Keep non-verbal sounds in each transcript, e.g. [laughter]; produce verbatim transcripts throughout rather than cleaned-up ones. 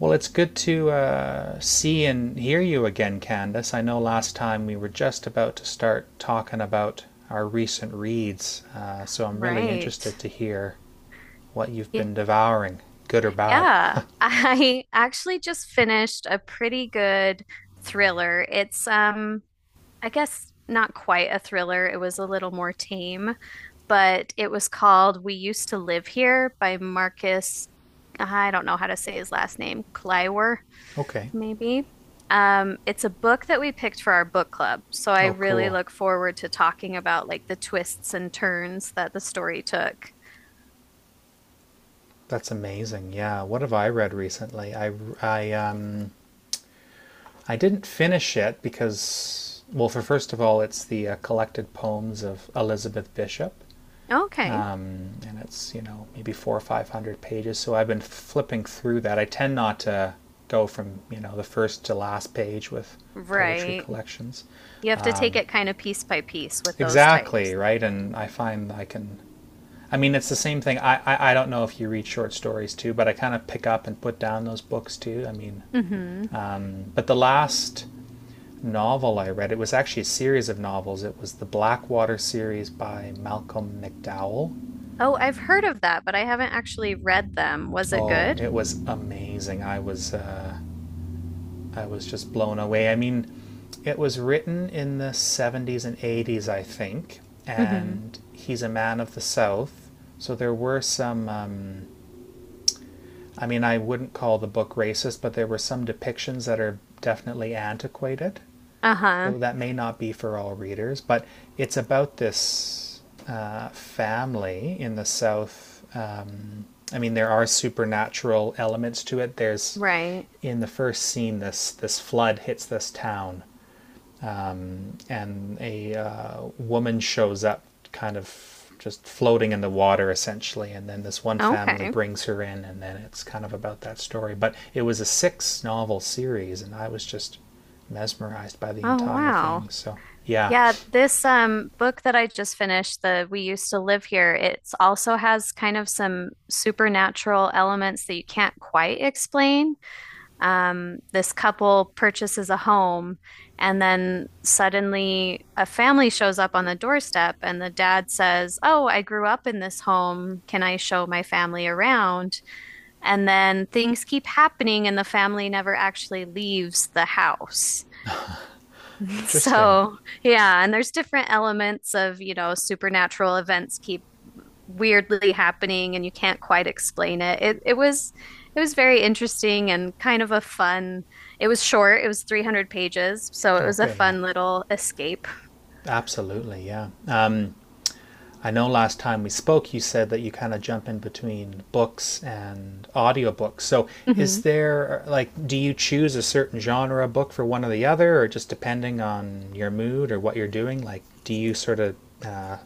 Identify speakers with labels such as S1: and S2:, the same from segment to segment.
S1: Well, it's good to uh, see and hear you again, Candace. I know last time we were just about to start talking about our recent reads, uh, so I'm really
S2: Right.
S1: interested to hear what you've
S2: Y-
S1: been devouring, good or bad.
S2: Yeah. I [laughs] actually just finished a pretty good thriller. It's um I guess not quite a thriller. It was a little more tame, but it was called We Used to Live Here by Marcus, I don't know how to say his last name, Kleiwer.
S1: [laughs] Okay.
S2: Maybe. Um, it's a book that we picked for our book club, so I
S1: Oh,
S2: really
S1: cool.
S2: look forward to talking about like the twists and turns that the story took.
S1: That's amazing. Yeah. What have I read recently? I I um I didn't finish it because well, for first of all, it's the uh, collected poems of Elizabeth Bishop.
S2: Okay.
S1: Um, and it's you know maybe four or five hundred pages. So I've been flipping through that. I tend not to go from you know the first to last page with poetry
S2: Right.
S1: collections.
S2: You have to take it kind of piece by piece with those
S1: Exactly
S2: types.
S1: right, and I find I can. I mean, it's the same thing. I, I, I don't know if you read short stories too, but I kind of pick up and put down those books too. I mean,
S2: Mm-hmm.
S1: um, but the last novel I read, it was actually a series of novels. It was the Blackwater series by Malcolm McDowell.
S2: Oh, I've heard of that, but I haven't actually read them. Was it
S1: Oh,
S2: good?
S1: it was amazing. I was uh, I was just blown away. I mean, it was written in the seventies and eighties, I think,
S2: Mm-hmm.
S1: and he's a man of the South. So there were some, um, I mean, I wouldn't call the book racist, but there were some depictions that are definitely antiquated,
S2: Uh-huh.
S1: so that may not be for all readers, but it's about this uh, family in the South. Um, I mean, there are supernatural elements to it. There's
S2: Right.
S1: in the first scene, this this flood hits this town, and a uh, woman shows up, kind of just floating in the water, essentially. And then this one family
S2: Okay.
S1: brings her in, and then it's kind of about that story. But it was a six novel series, and I was just mesmerized by the
S2: Oh,
S1: entire
S2: wow.
S1: thing. So, yeah,
S2: Yeah, this um book that I just finished, the We Used to Live Here, it's also has kind of some supernatural elements that you can't quite explain. Um, this couple purchases a home and then suddenly a family shows up on the doorstep and the dad says, "Oh, I grew up in this home. Can I show my family around?" And then things keep happening and the family never actually leaves the house. [laughs]
S1: interesting.
S2: So, yeah, and there's different elements of, you know, supernatural events keep weirdly happening and you can't quite explain it. It it was it was very interesting and kind of a fun. It was short, it was three hundred pages, so it was a
S1: Okay, yeah,
S2: fun little escape.
S1: absolutely, yeah. I know last time we spoke, you said that you kind of jump in between books and audiobooks. So, is
S2: Mhm.
S1: there, like, do you choose a certain genre book for one or the other, or just depending on your mood or what you're doing? Like, do you sort of uh,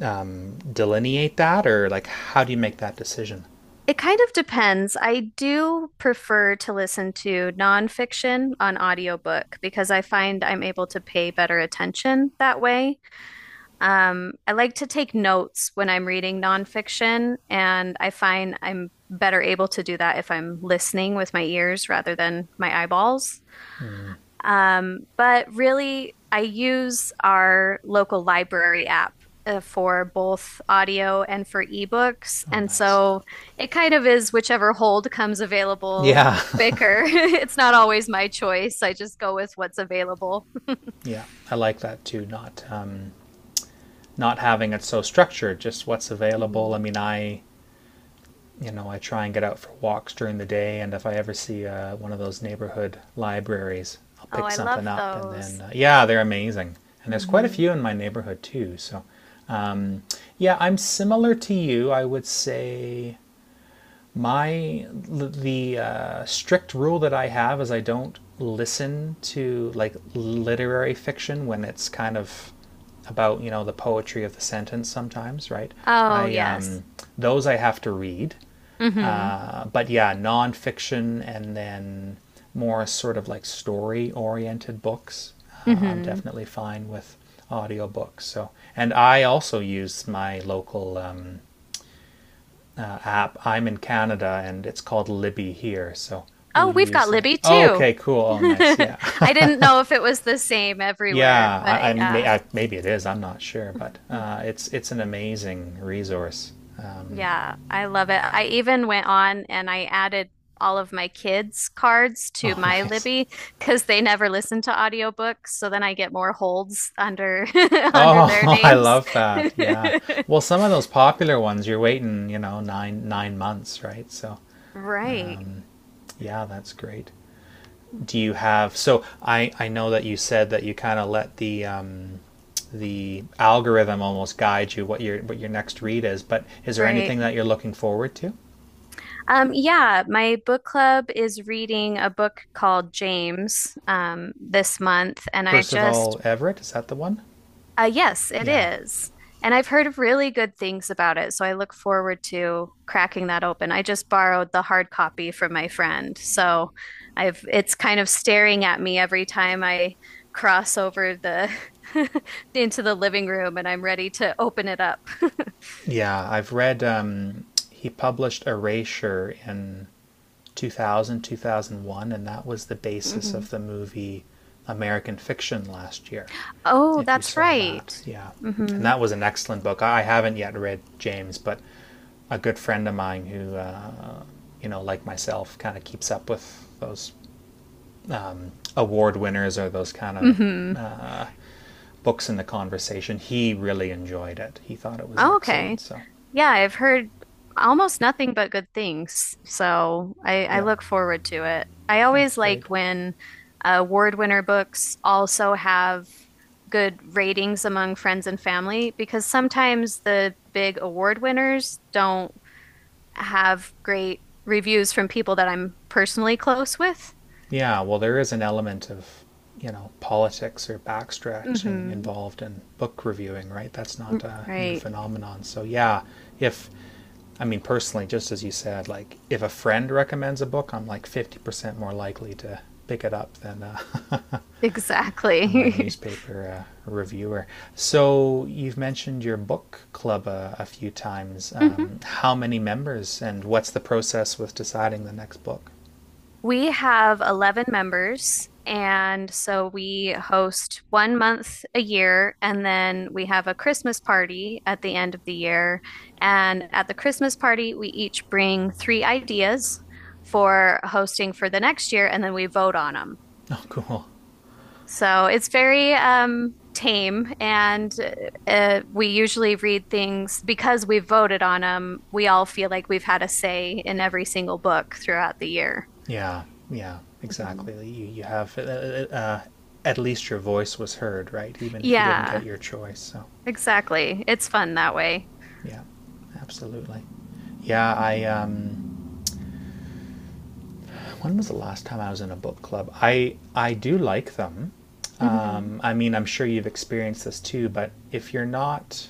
S1: um, delineate that, or like, how do you make that decision?
S2: It kind of depends. I do prefer to listen to nonfiction on audiobook because I find I'm able to pay better attention that way. Um, I like to take notes when I'm reading nonfiction, and I find I'm better able to do that if I'm listening with my ears rather than my eyeballs. Um, but really, I use our local library app uh, for both audio and for ebooks.
S1: Oh,
S2: And
S1: nice.
S2: so it kind of is whichever hold comes available
S1: Yeah,
S2: quicker. [laughs] It's not always my choice. I just go with what's available.
S1: [laughs] yeah, I like that too. Not um, not having it so structured, just what's available. I
S2: Mhm.
S1: mean, I you know, I try and get out for walks during the day, and if I ever see uh, one of those neighborhood libraries, I'll
S2: Oh,
S1: pick
S2: I
S1: something
S2: love
S1: up, and then
S2: those.
S1: uh, yeah, they're amazing, and there's quite a
S2: Mm-hmm.
S1: few in my neighborhood too. So, um, yeah, I'm similar to you. I would say my the uh, strict rule that I have is I don't listen to like literary fiction when it's kind of about you know the poetry of the sentence sometimes, right?
S2: Oh,
S1: I
S2: yes.
S1: um, Those I have to read,
S2: Hmm.
S1: uh, but yeah, nonfiction and then more sort of like story oriented books. Uh, I'm
S2: Hmm.
S1: definitely fine with audiobooks. So, and I also use my local um, uh, app. I'm in Canada and it's called Libby here. So we
S2: Oh, we've got
S1: use that.
S2: Libby
S1: Oh,
S2: too.
S1: okay, cool.
S2: [laughs]
S1: Oh, nice.
S2: I
S1: Yeah.
S2: didn't
S1: [laughs]
S2: know if it was the same everywhere,
S1: Yeah. I, I
S2: but
S1: may,
S2: yeah.
S1: I, maybe it is. I'm not sure, but
S2: [laughs]
S1: uh, it's, it's an amazing resource. Um,
S2: Yeah, I love it. I even went on and I added all of my kids' cards
S1: [laughs]
S2: to
S1: oh,
S2: my
S1: nice.
S2: Libby because they never listen to audiobooks, so then I get more holds under [laughs] under their
S1: Oh, [laughs] I
S2: names.
S1: love that. Yeah.
S2: [laughs]
S1: Well, some of those popular ones you're waiting, you know, 9 9 months, right? So,
S2: Right.
S1: yeah, that's great. Do you
S2: Mhm.
S1: have so I I know that you said that you kind of let the um the algorithm almost guide you what your what your next read is, but is there
S2: Right.
S1: anything that you're looking forward to?
S2: Um, yeah, my book club is reading a book called James um, this month, and I just,
S1: Percival Everett, is that the one?
S2: uh, yes, it
S1: Yeah.
S2: is. And I've heard really good things about it, so I look forward to cracking that open. I just borrowed the hard copy from my friend, so I've it's kind of staring at me every time I cross over the [laughs] into the living room, and I'm ready to open it up. [laughs]
S1: Yeah, I've read um he published Erasure in Two thousand, two thousand one, and that was the basis
S2: Mhm.
S1: of the movie American Fiction last year.
S2: Oh,
S1: If you
S2: that's
S1: saw that,
S2: right.
S1: yeah. And
S2: Mm-hmm.
S1: that was an excellent book. I haven't yet read James, but a good friend of mine who, uh, you know, like myself, kind of keeps up with those award winners or those kind of
S2: Mm-hmm.
S1: books in the conversation. He really enjoyed it. He thought it was
S2: Oh,
S1: excellent.
S2: okay.
S1: So,
S2: Yeah, I've heard almost nothing but good things, so I, I
S1: yeah,
S2: look forward to it. I
S1: that's
S2: always like
S1: great.
S2: when uh, award winner books also have good ratings among friends and family because sometimes the big award winners don't have great reviews from people that I'm personally close with.
S1: Yeah, well, there is an element of, you know, politics or backstretching
S2: Hmm.
S1: involved in book reviewing, right? That's not a new
S2: Right.
S1: phenomenon. So, yeah, if, I mean, personally, just as you said, like, if a friend recommends a book, I'm like fifty percent more likely to pick it up than, uh, [laughs] than my
S2: Exactly.
S1: newspaper uh, reviewer. So, you've mentioned your book club uh, a few times.
S2: [laughs]
S1: Um, how many members and what's the process with deciding the next book?
S2: We have eleven members, and so we host one month a year, and then we have a Christmas party at the end of the year. And at the Christmas party, we each bring three ideas for hosting for the next year, and then we vote on them.
S1: Oh, cool.
S2: So it's very um, tame, and uh, we usually read things because we voted on them. We all feel like we've had a say in every single book throughout the year.
S1: Yeah, yeah,
S2: Mhm.
S1: exactly. You you have uh, uh, uh, at least your voice was heard, right? Even if you didn't get
S2: Yeah.
S1: your choice. So,
S2: Exactly. It's fun that way.
S1: yeah, absolutely. Yeah,
S2: Mhm.
S1: I um when was the last time I was in a book club? I I do like them.
S2: Mhm.
S1: Um I mean, I'm sure you've experienced this too, but if you're not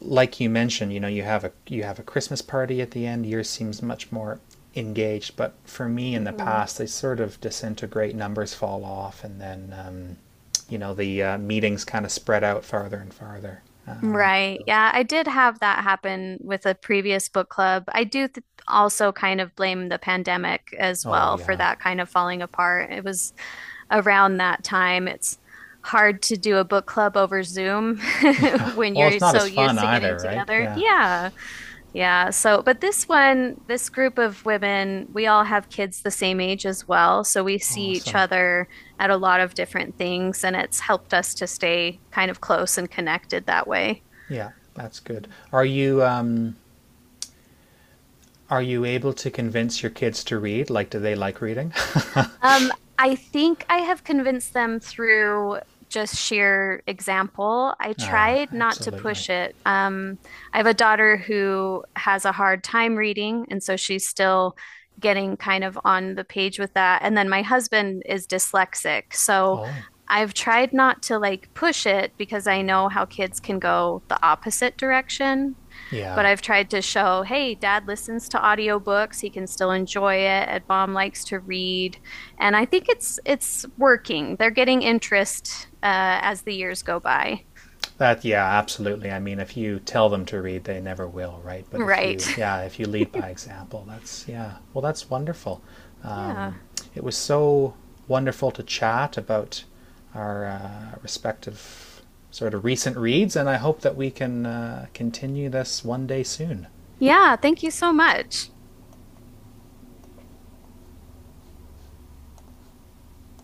S1: like you mentioned, you know, you have a you have a Christmas party at the end. Yours seems much more engaged, but for me in the
S2: Mhm.
S1: past, they sort of disintegrate. Numbers fall off, and then um, you know the uh, meetings kind of spread out farther and farther. Um,
S2: Right. Yeah, I did have that happen with a previous book club. I do th also kind of blame the pandemic as
S1: oh
S2: well for
S1: yeah,
S2: that kind of falling apart. It was around that time. It's hard to do a book club over Zoom
S1: [laughs]
S2: [laughs]
S1: yeah.
S2: when
S1: Well,
S2: you're
S1: it's not
S2: so
S1: as fun
S2: used to getting
S1: either, right?
S2: together.
S1: Yeah.
S2: Yeah. Yeah, so but this one, this group of women, we all have kids the same age as well, so we see each
S1: Awesome.
S2: other at a lot of different things, and it's helped us to stay kind of close and connected that way.
S1: Yeah, that's good. Are you um, are you able to convince your kids to read? Like, do they like reading?
S2: Um, I think I have convinced them through just sheer example. I tried
S1: [laughs]
S2: not to
S1: Absolutely.
S2: push it. Um, I have a daughter who has a hard time reading, and so she's still getting kind of on the page with that. And then my husband is dyslexic, so
S1: Oh,
S2: I've tried not to like push it because I know how kids can go the opposite direction, but
S1: yeah.
S2: I've tried to show, hey, dad listens to audiobooks, he can still enjoy it, and mom likes to read. And I think it's it's working. They're getting interest uh, as the years go by.
S1: That yeah, absolutely. I mean, if you tell them to read, they never will, right? But if
S2: Right.
S1: you
S2: [laughs]
S1: yeah, if you lead by example, that's yeah. Well, that's wonderful.
S2: Yeah.
S1: Um, it was so wonderful to chat about our uh, respective sort of recent reads, and I hope that we can uh, continue this one day soon.
S2: Yeah, thank you so much.